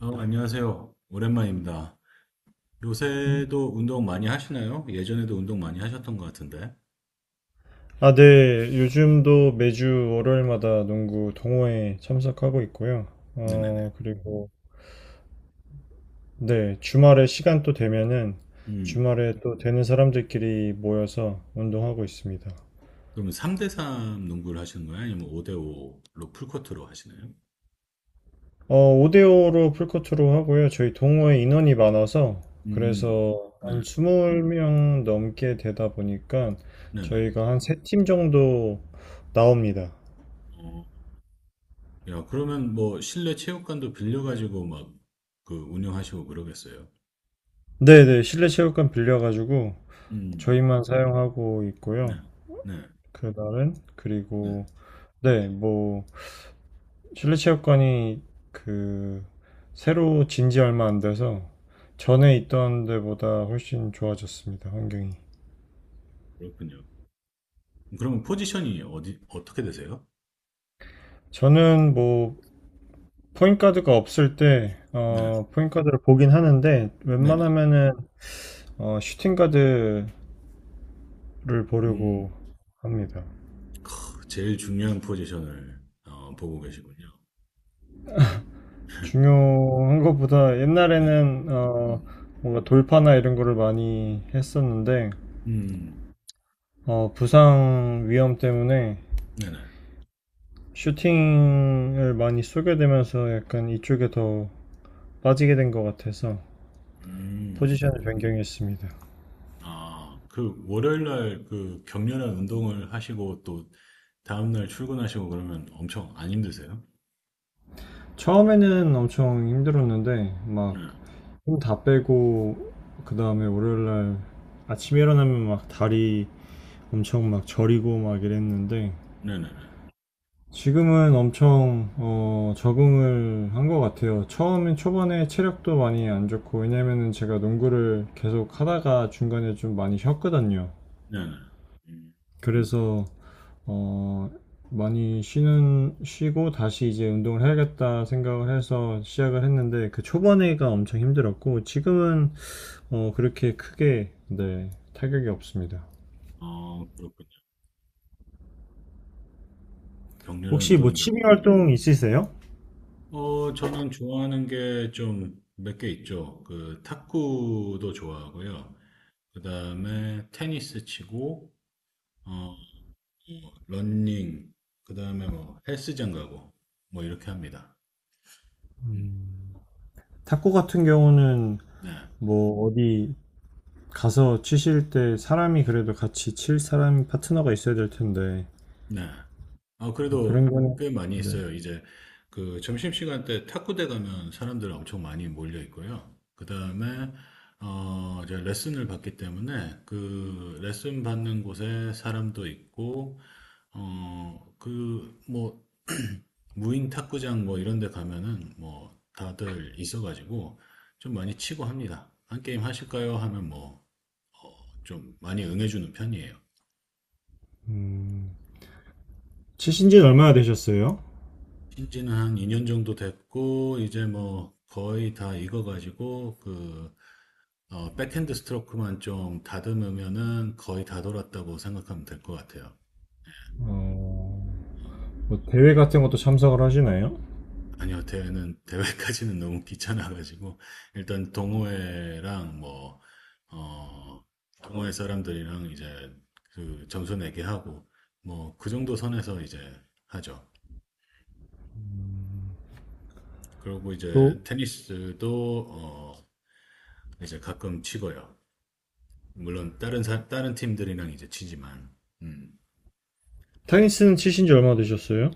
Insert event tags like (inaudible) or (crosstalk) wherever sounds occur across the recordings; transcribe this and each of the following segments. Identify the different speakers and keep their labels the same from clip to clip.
Speaker 1: 안녕하세요. 오랜만입니다. 요새도 운동 많이 하시나요? 예전에도 운동 많이 하셨던 것 같은데.
Speaker 2: 아, 네. 요즘도 매주 월요일마다 농구 동호회 참석하고 있고요.
Speaker 1: 네네네.
Speaker 2: 그리고 네, 주말에 시간 또 되면은
Speaker 1: 음,
Speaker 2: 주말에 또 되는 사람들끼리 모여서 운동하고 있습니다.
Speaker 1: 그러면 3대3 농구를 하시는 거예요? 아니면 5대5로 풀코트로 하시나요?
Speaker 2: 어, 5대5로 풀코트로 하고요. 저희 동호회 인원이 많아서
Speaker 1: 음,
Speaker 2: 그래서
Speaker 1: 네,
Speaker 2: 한 20명 넘게 되다 보니까
Speaker 1: 네네.
Speaker 2: 저희가 한 세 팀 정도 나옵니다.
Speaker 1: 어, 야, 그러면 뭐 실내 체육관도 빌려가지고 막 그 운영하시고 그러겠어요?
Speaker 2: 네네, 실내 체육관 빌려가지고
Speaker 1: 음,
Speaker 2: 저희만 사용하고
Speaker 1: 네,
Speaker 2: 있고요.
Speaker 1: 네,
Speaker 2: 그날은
Speaker 1: 네.
Speaker 2: 그리고 네, 뭐 실내 체육관이 그 새로 진지 얼마 안 돼서 전에 있던 데보다 훨씬 좋아졌습니다. 환경이.
Speaker 1: 그렇군요. 그러면 포지션이 어떻게 되세요?
Speaker 2: 저는 뭐 포인트가드가 없을 때
Speaker 1: 네,
Speaker 2: 포인트가드를 보긴 하는데
Speaker 1: 네네.
Speaker 2: 웬만하면은 슈팅가드를
Speaker 1: 음.
Speaker 2: 보려고 합니다.
Speaker 1: 크, 제일 중요한 포지션을 보고 계시군요.
Speaker 2: 중요한 것보다
Speaker 1: 네.
Speaker 2: 옛날에는
Speaker 1: 음.
Speaker 2: 뭔가 돌파나 이런 거를 많이 했었는데
Speaker 1: 음.
Speaker 2: 부상 위험 때문에
Speaker 1: 네네.
Speaker 2: 슈팅을 많이 쏘게 되면서 약간 이쪽에 더 빠지게 된 것 같아서
Speaker 1: 음.
Speaker 2: 포지션을 변경했습니다.
Speaker 1: 아, 그 월요일 날그 격렬한 운동을 하시고 또 다음 날 출근하시고 그러면 엄청 안 힘드세요?
Speaker 2: 처음에는 엄청 힘들었는데 막
Speaker 1: 네.
Speaker 2: 힘 다 빼고 그 다음에 월요일날 아침에 일어나면 막 다리 엄청 막 저리고 막 이랬는데
Speaker 1: 네네네.
Speaker 2: 지금은 엄청 적응을 한 것 같아요. 처음엔 초반에 체력도 많이 안 좋고 왜냐면은 제가 농구를 계속 하다가 중간에 좀 많이 쉬었거든요.
Speaker 1: 네네. 음.
Speaker 2: 그래서 어, 많이 쉬고 다시 이제 운동을 해야겠다 생각을 해서 시작을 했는데 그 초반에가 엄청 힘들었고 지금은 그렇게 크게, 네, 타격이 없습니다.
Speaker 1: 아, 그렇군요. 격렬한
Speaker 2: 혹시 뭐
Speaker 1: 운동이군요.
Speaker 2: 취미 활동 있으세요?
Speaker 1: 저는 좋아하는 게 좀 몇 개 있죠. 그 탁구도 좋아하고요. 그다음에 테니스 치고 어, 런 러닝, 그다음에 뭐 헬스장 가고 뭐 이렇게 합니다. 음,
Speaker 2: 탁구 같은 경우는
Speaker 1: 네,
Speaker 2: 뭐 어디 가서 치실 때 사람이 그래도 같이 칠 사람 파트너가 있어야 될 텐데
Speaker 1: 네. 아,
Speaker 2: 뭐 그런
Speaker 1: 그래도
Speaker 2: 거는
Speaker 1: 꽤 많이
Speaker 2: 네.
Speaker 1: 있어요. 이제 그 점심시간 때 탁구대 가면 사람들 엄청 많이 몰려 있고요. 그다음에 어 이제 레슨을 받기 때문에 그 레슨 받는 곳에 사람도 있고 어 그 뭐 무인 탁구장 뭐 이런 데 가면은 뭐 다들 있어가지고 좀 많이 치고 합니다. 한 게임 하실까요? 하면 뭐 좀 많이 응해주는 편이에요.
Speaker 2: 음, 치신 지는 얼마나 되셨어요?
Speaker 1: 신지는 한 2년 정도 됐고, 이제 뭐 거의 다 익어가지고, 그, 백핸드 스트로크만 좀 다듬으면은 거의 다 돌았다고 생각하면 될 것 같아요.
Speaker 2: 어, 뭐 대회 같은 것도 참석을 하시나요?
Speaker 1: 아니요, 대회까지는 (laughs) 너무 귀찮아가지고, 일단 동호회랑 뭐, 어, 동호회 사람들이랑 이제 그 점수 내기 하고, 뭐, 그 정도 선에서 이제 하죠. 그리고
Speaker 2: 또
Speaker 1: 이제 테니스도, 이제 가끔 치고요. 물론 다른 팀들이랑 이제 치지만 음.
Speaker 2: 테니스는 치신 지 얼마나 되셨어요?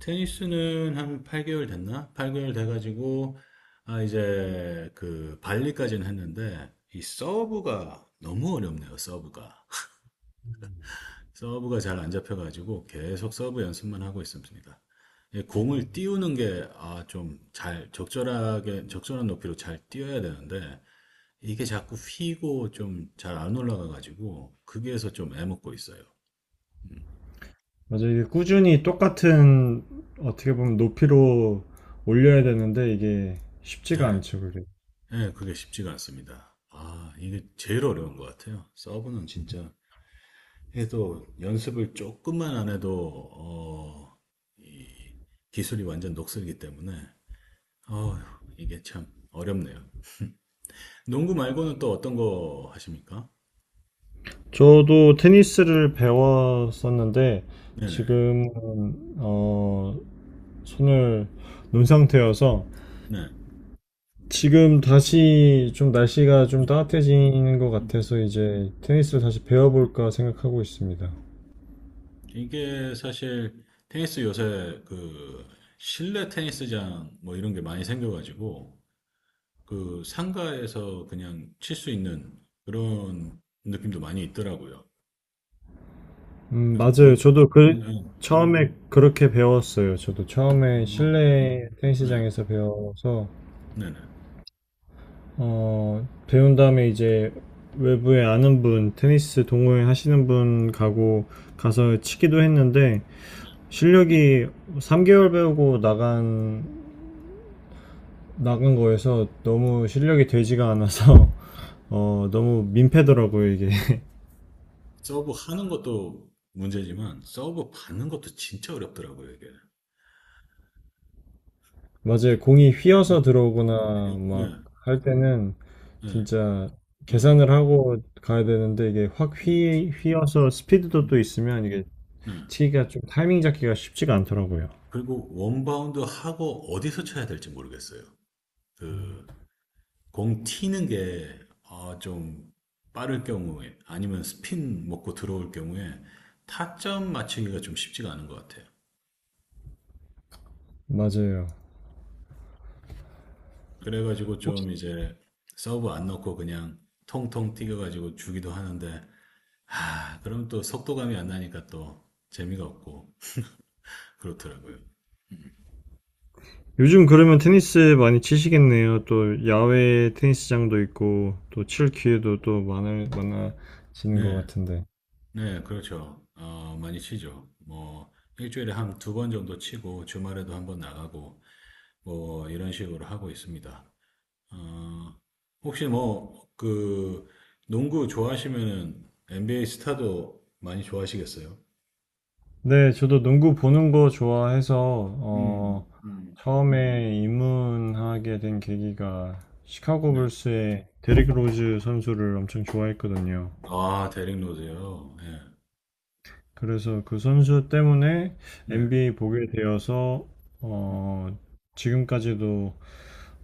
Speaker 1: 테니스는 한 8개월 됐나? 8개월 돼가지고 아 이제 그 발리까지는 했는데 이 서브가 너무 어렵네요. 서브가 잘 안 잡혀가지고 계속 서브 연습만 하고 있습니다. 예, 공을 띄우는 게, 아, 적절하게, 적절한 높이로 잘 띄워야 되는데, 이게 자꾸 휘고 좀 잘 안 올라가가지고, 거기에서 좀 애먹고 있어요.
Speaker 2: 맞아, 이게 꾸준히 똑같은 어떻게 보면 높이로 올려야 되는데 이게 쉽지가
Speaker 1: 네.
Speaker 2: 않죠, 그게.
Speaker 1: 예, 그게 쉽지가 않습니다. 아, 이게 제일 어려운 것 같아요. 서브는 진짜 해도 연습을 조금만 안 해도, 기술이 완전 녹슬기 때문에, 어, 이게 참 어렵네요. 농구 말고는 또 어떤 거 하십니까?
Speaker 2: 저도 테니스를 배웠었는데
Speaker 1: 네네,
Speaker 2: 지금 어 손을 놓은 상태여서
Speaker 1: 네.
Speaker 2: 지금 다시 좀 날씨가
Speaker 1: 음,
Speaker 2: 좀 따뜻해지는 것
Speaker 1: 음.
Speaker 2: 같아서 이제 테니스를 다시 배워볼까 생각하고 있습니다.
Speaker 1: 이게 사실 테니스 요새 그 실내 테니스장 뭐 이런 게 많이 생겨가지고, 그 상가에서 그냥 칠 수 있는 그런 느낌도 많이 있더라고요. 그래서
Speaker 2: 맞아요.
Speaker 1: 물,
Speaker 2: 저도
Speaker 1: 음,
Speaker 2: 그 처음에 그렇게 배웠어요. 저도 처음에
Speaker 1: 어,
Speaker 2: 실내
Speaker 1: 네,
Speaker 2: 테니스장에서 배워서
Speaker 1: 네, 네.
Speaker 2: 배운 다음에 이제 외부에 아는 분, 테니스 동호회 하시는 분 가고 가서 치기도 했는데 실력이 3개월 배우고 나간 거에서 너무 실력이 되지가 않아서 (laughs) 너무 민폐더라고요, 이게.
Speaker 1: 서브 하는 것도 문제지만 서브 받는 것도 진짜 어렵더라고요, 이게.
Speaker 2: 맞아요. 공이 휘어서
Speaker 1: 음,
Speaker 2: 들어오거나
Speaker 1: 네,
Speaker 2: 막 할 때는
Speaker 1: 네,
Speaker 2: 진짜
Speaker 1: 음,
Speaker 2: 계산을 하고 가야 되는데 이게 확
Speaker 1: 네,
Speaker 2: 휘어서 스피드도
Speaker 1: 음,
Speaker 2: 또 있으면 이게
Speaker 1: 네.
Speaker 2: 치기가 좀 타이밍 잡기가 쉽지가 않더라고요.
Speaker 1: 그리고 원바운드 하고 어디서 쳐야 될지 모르겠어요. 그, 공 튀는 게, 아, 좀 빠를 경우에, 아니면 스핀 먹고 들어올 경우에 타점 맞추기가 좀 쉽지가 않은 것 같아요.
Speaker 2: 맞아요.
Speaker 1: 그래가지고 좀 이제 서브 안 넣고 그냥 통통 튀겨가지고 주기도 하는데, 아, 그럼 또 속도감이 안 나니까 또 재미가 없고, 그렇더라고요.
Speaker 2: 요즘 그러면 테니스 많이 치시겠네요. 또 야외 테니스장도 있고 또 칠 기회도 또 많아지는 것
Speaker 1: 네,
Speaker 2: 같은데.
Speaker 1: 네, 그렇죠. 많이 치죠. 뭐, 일주일에 한 두 번 정도 치고, 주말에도 한번 나가고, 뭐, 이런 식으로 하고 있습니다. 어, 혹시 뭐, 그, 농구 좋아하시면은 NBA 스타도 많이 좋아하시겠어요?
Speaker 2: 네, 저도 농구 보는 거 좋아해서,
Speaker 1: 음,
Speaker 2: 어,
Speaker 1: 음.
Speaker 2: 처음에 입문하게 된 계기가 시카고
Speaker 1: 네.
Speaker 2: 불스의 데릭 로즈 선수를 엄청 좋아했거든요.
Speaker 1: 아, 데릭 로즈요. 예.
Speaker 2: 그래서 그 선수 때문에
Speaker 1: 네.
Speaker 2: NBA 보게 되어서,
Speaker 1: 음.
Speaker 2: 어, 지금까지도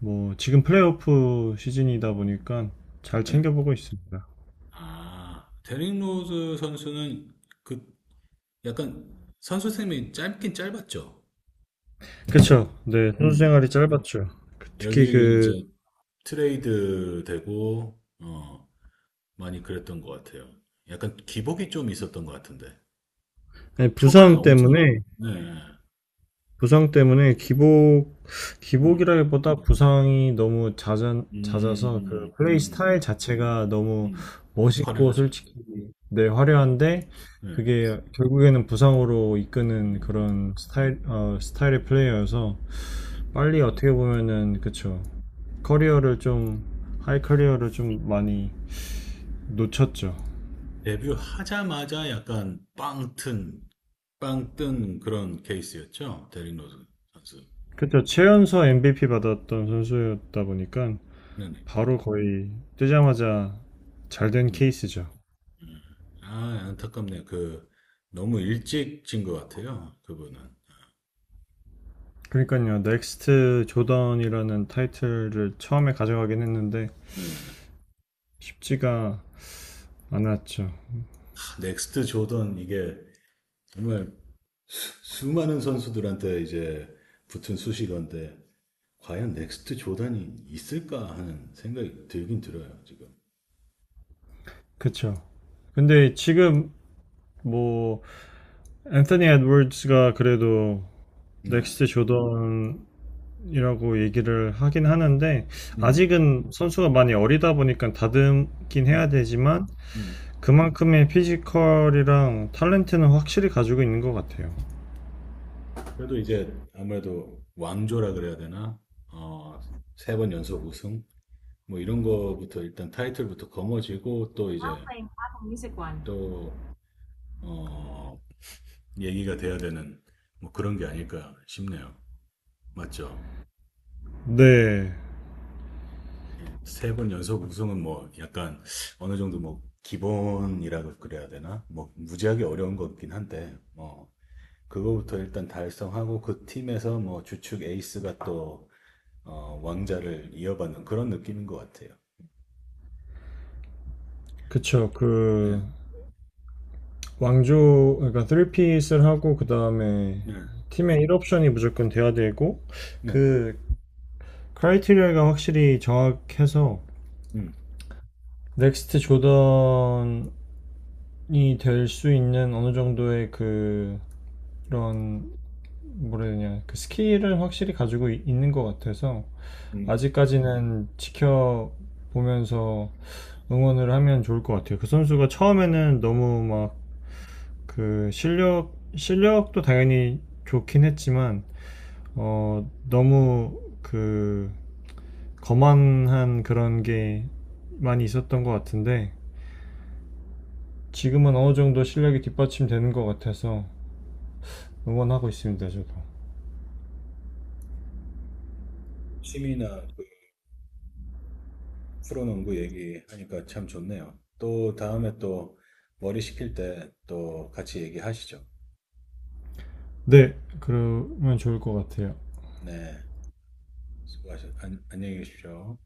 Speaker 2: 뭐, 지금 플레이오프 시즌이다 보니까 잘
Speaker 1: 네.
Speaker 2: 챙겨보고 있습니다.
Speaker 1: 아, 데릭 로즈 선수는 그 약간 선수 생명이 짧긴 짧았죠. 여,
Speaker 2: 그쵸. 네, 선수
Speaker 1: 음.
Speaker 2: 생활이 짧았죠. 특히
Speaker 1: 여기저기 이제 트레이드 되고 많이 그랬던 것 같아요. 약간 기복이 좀 있었던 것 같은데
Speaker 2: 아니,
Speaker 1: 초반엔
Speaker 2: 부상
Speaker 1: 엄청
Speaker 2: 때문에
Speaker 1: 네,
Speaker 2: 부상 때문에
Speaker 1: 음,
Speaker 2: 기복이라기보다 부상이 너무
Speaker 1: 음,
Speaker 2: 잦아서
Speaker 1: 음,
Speaker 2: 그 플레이
Speaker 1: 음,
Speaker 2: 스타일 자체가 너무
Speaker 1: 음.
Speaker 2: 멋있고
Speaker 1: 화려하죠.
Speaker 2: 솔직히 네,
Speaker 1: 네, 네.
Speaker 2: 화려한데 그게 결국에는 부상으로 이끄는
Speaker 1: 음.
Speaker 2: 그런 스타일의 플레이어여서 빨리 어떻게 보면은 그쵸. 커리어를 좀, 하이
Speaker 1: 음.
Speaker 2: 커리어를 좀 많이 놓쳤죠.
Speaker 1: 데뷔하자마자 빵 뜬 그런 케이스였죠. 데릭 로즈 선수.
Speaker 2: 그쵸. 최연소 MVP 받았던 선수였다 보니까
Speaker 1: 네네.
Speaker 2: 바로 거의 뜨자마자 잘 된
Speaker 1: 음.
Speaker 2: 케이스죠.
Speaker 1: 음. 아, 안타깝네요. 그, 너무 일찍 진 것 같아요. 그분은.
Speaker 2: 그러니까요, 넥스트 조던이라는 타이틀을 처음에 가져가긴 했는데
Speaker 1: 네. 아,
Speaker 2: 쉽지가 않았죠.
Speaker 1: 넥스트 조던, 이게 정말 많은 선수들한테 이제 붙은 수식어인데, 과연 넥스트 조던이 있을까 하는 생각이 들긴 들어요, 지금.
Speaker 2: 그쵸? 근데 지금 뭐 앤서니 에드워즈가 그래도
Speaker 1: 네.
Speaker 2: 넥스트 조던이라고 얘기를 하긴 하는데
Speaker 1: 음,
Speaker 2: 아직은 선수가 많이 어리다 보니까 다듬긴 해야
Speaker 1: 음,
Speaker 2: 되지만
Speaker 1: 음.
Speaker 2: 그만큼의 피지컬이랑 탤런트는 확실히 가지고 있는 것 같아요.
Speaker 1: 그래도 이제 아무래도 왕조라 그래야 되나? 어, 세 번 연속 우승? 뭐 이런 거부터 일단 타이틀부터 거머쥐고 또 이제 또, 어, 얘기가 돼야 되는 뭐 그런 게 아닐까 싶네요. 맞죠?
Speaker 2: 네,
Speaker 1: 세 번 연속 우승은 뭐 약간 어느 정도 뭐 기본이라고 그래야 되나? 뭐 무지하게 어려운 거긴 한데, 뭐 그거부터 일단 달성하고 그 팀에서 뭐 주축 에이스가 또 왕자를 이어받는 그런 느낌인 것 같아요.
Speaker 2: 그쵸. 그
Speaker 1: 네,
Speaker 2: 왕조 그러니까 3핏을 하고 그다음에
Speaker 1: 네,
Speaker 2: 팀의 1옵션이 무조건 돼야 되고
Speaker 1: 네.
Speaker 2: 그 크라이테리아가 확실히 정확해서
Speaker 1: 음,
Speaker 2: 넥스트 조던이 될 수 있는 어느 정도의 그 그런 뭐라 해야 되냐 그 스킬을 확실히 가지고 있는 것 같아서
Speaker 1: 음.
Speaker 2: 아직까지는 지켜보면서 응원을 하면 좋을 것 같아요. 그 선수가 처음에는 너무 막 그 실력도 당연히 좋긴 했지만 너무 그 거만한 그런 게 많이 있었던 것 같은데 지금은 어느 정도 실력이 뒷받침되는 것 같아서 응원하고 있습니다, 저도.
Speaker 1: 취미나 그 프로농구 얘기하니까 참 좋네요. 또 다음에 또 머리 식힐 때 또 같이 얘기하시죠.
Speaker 2: 네, 그러면 좋을 것 같아요.
Speaker 1: 네, 수고하셨, 안, 안녕히 계십시오.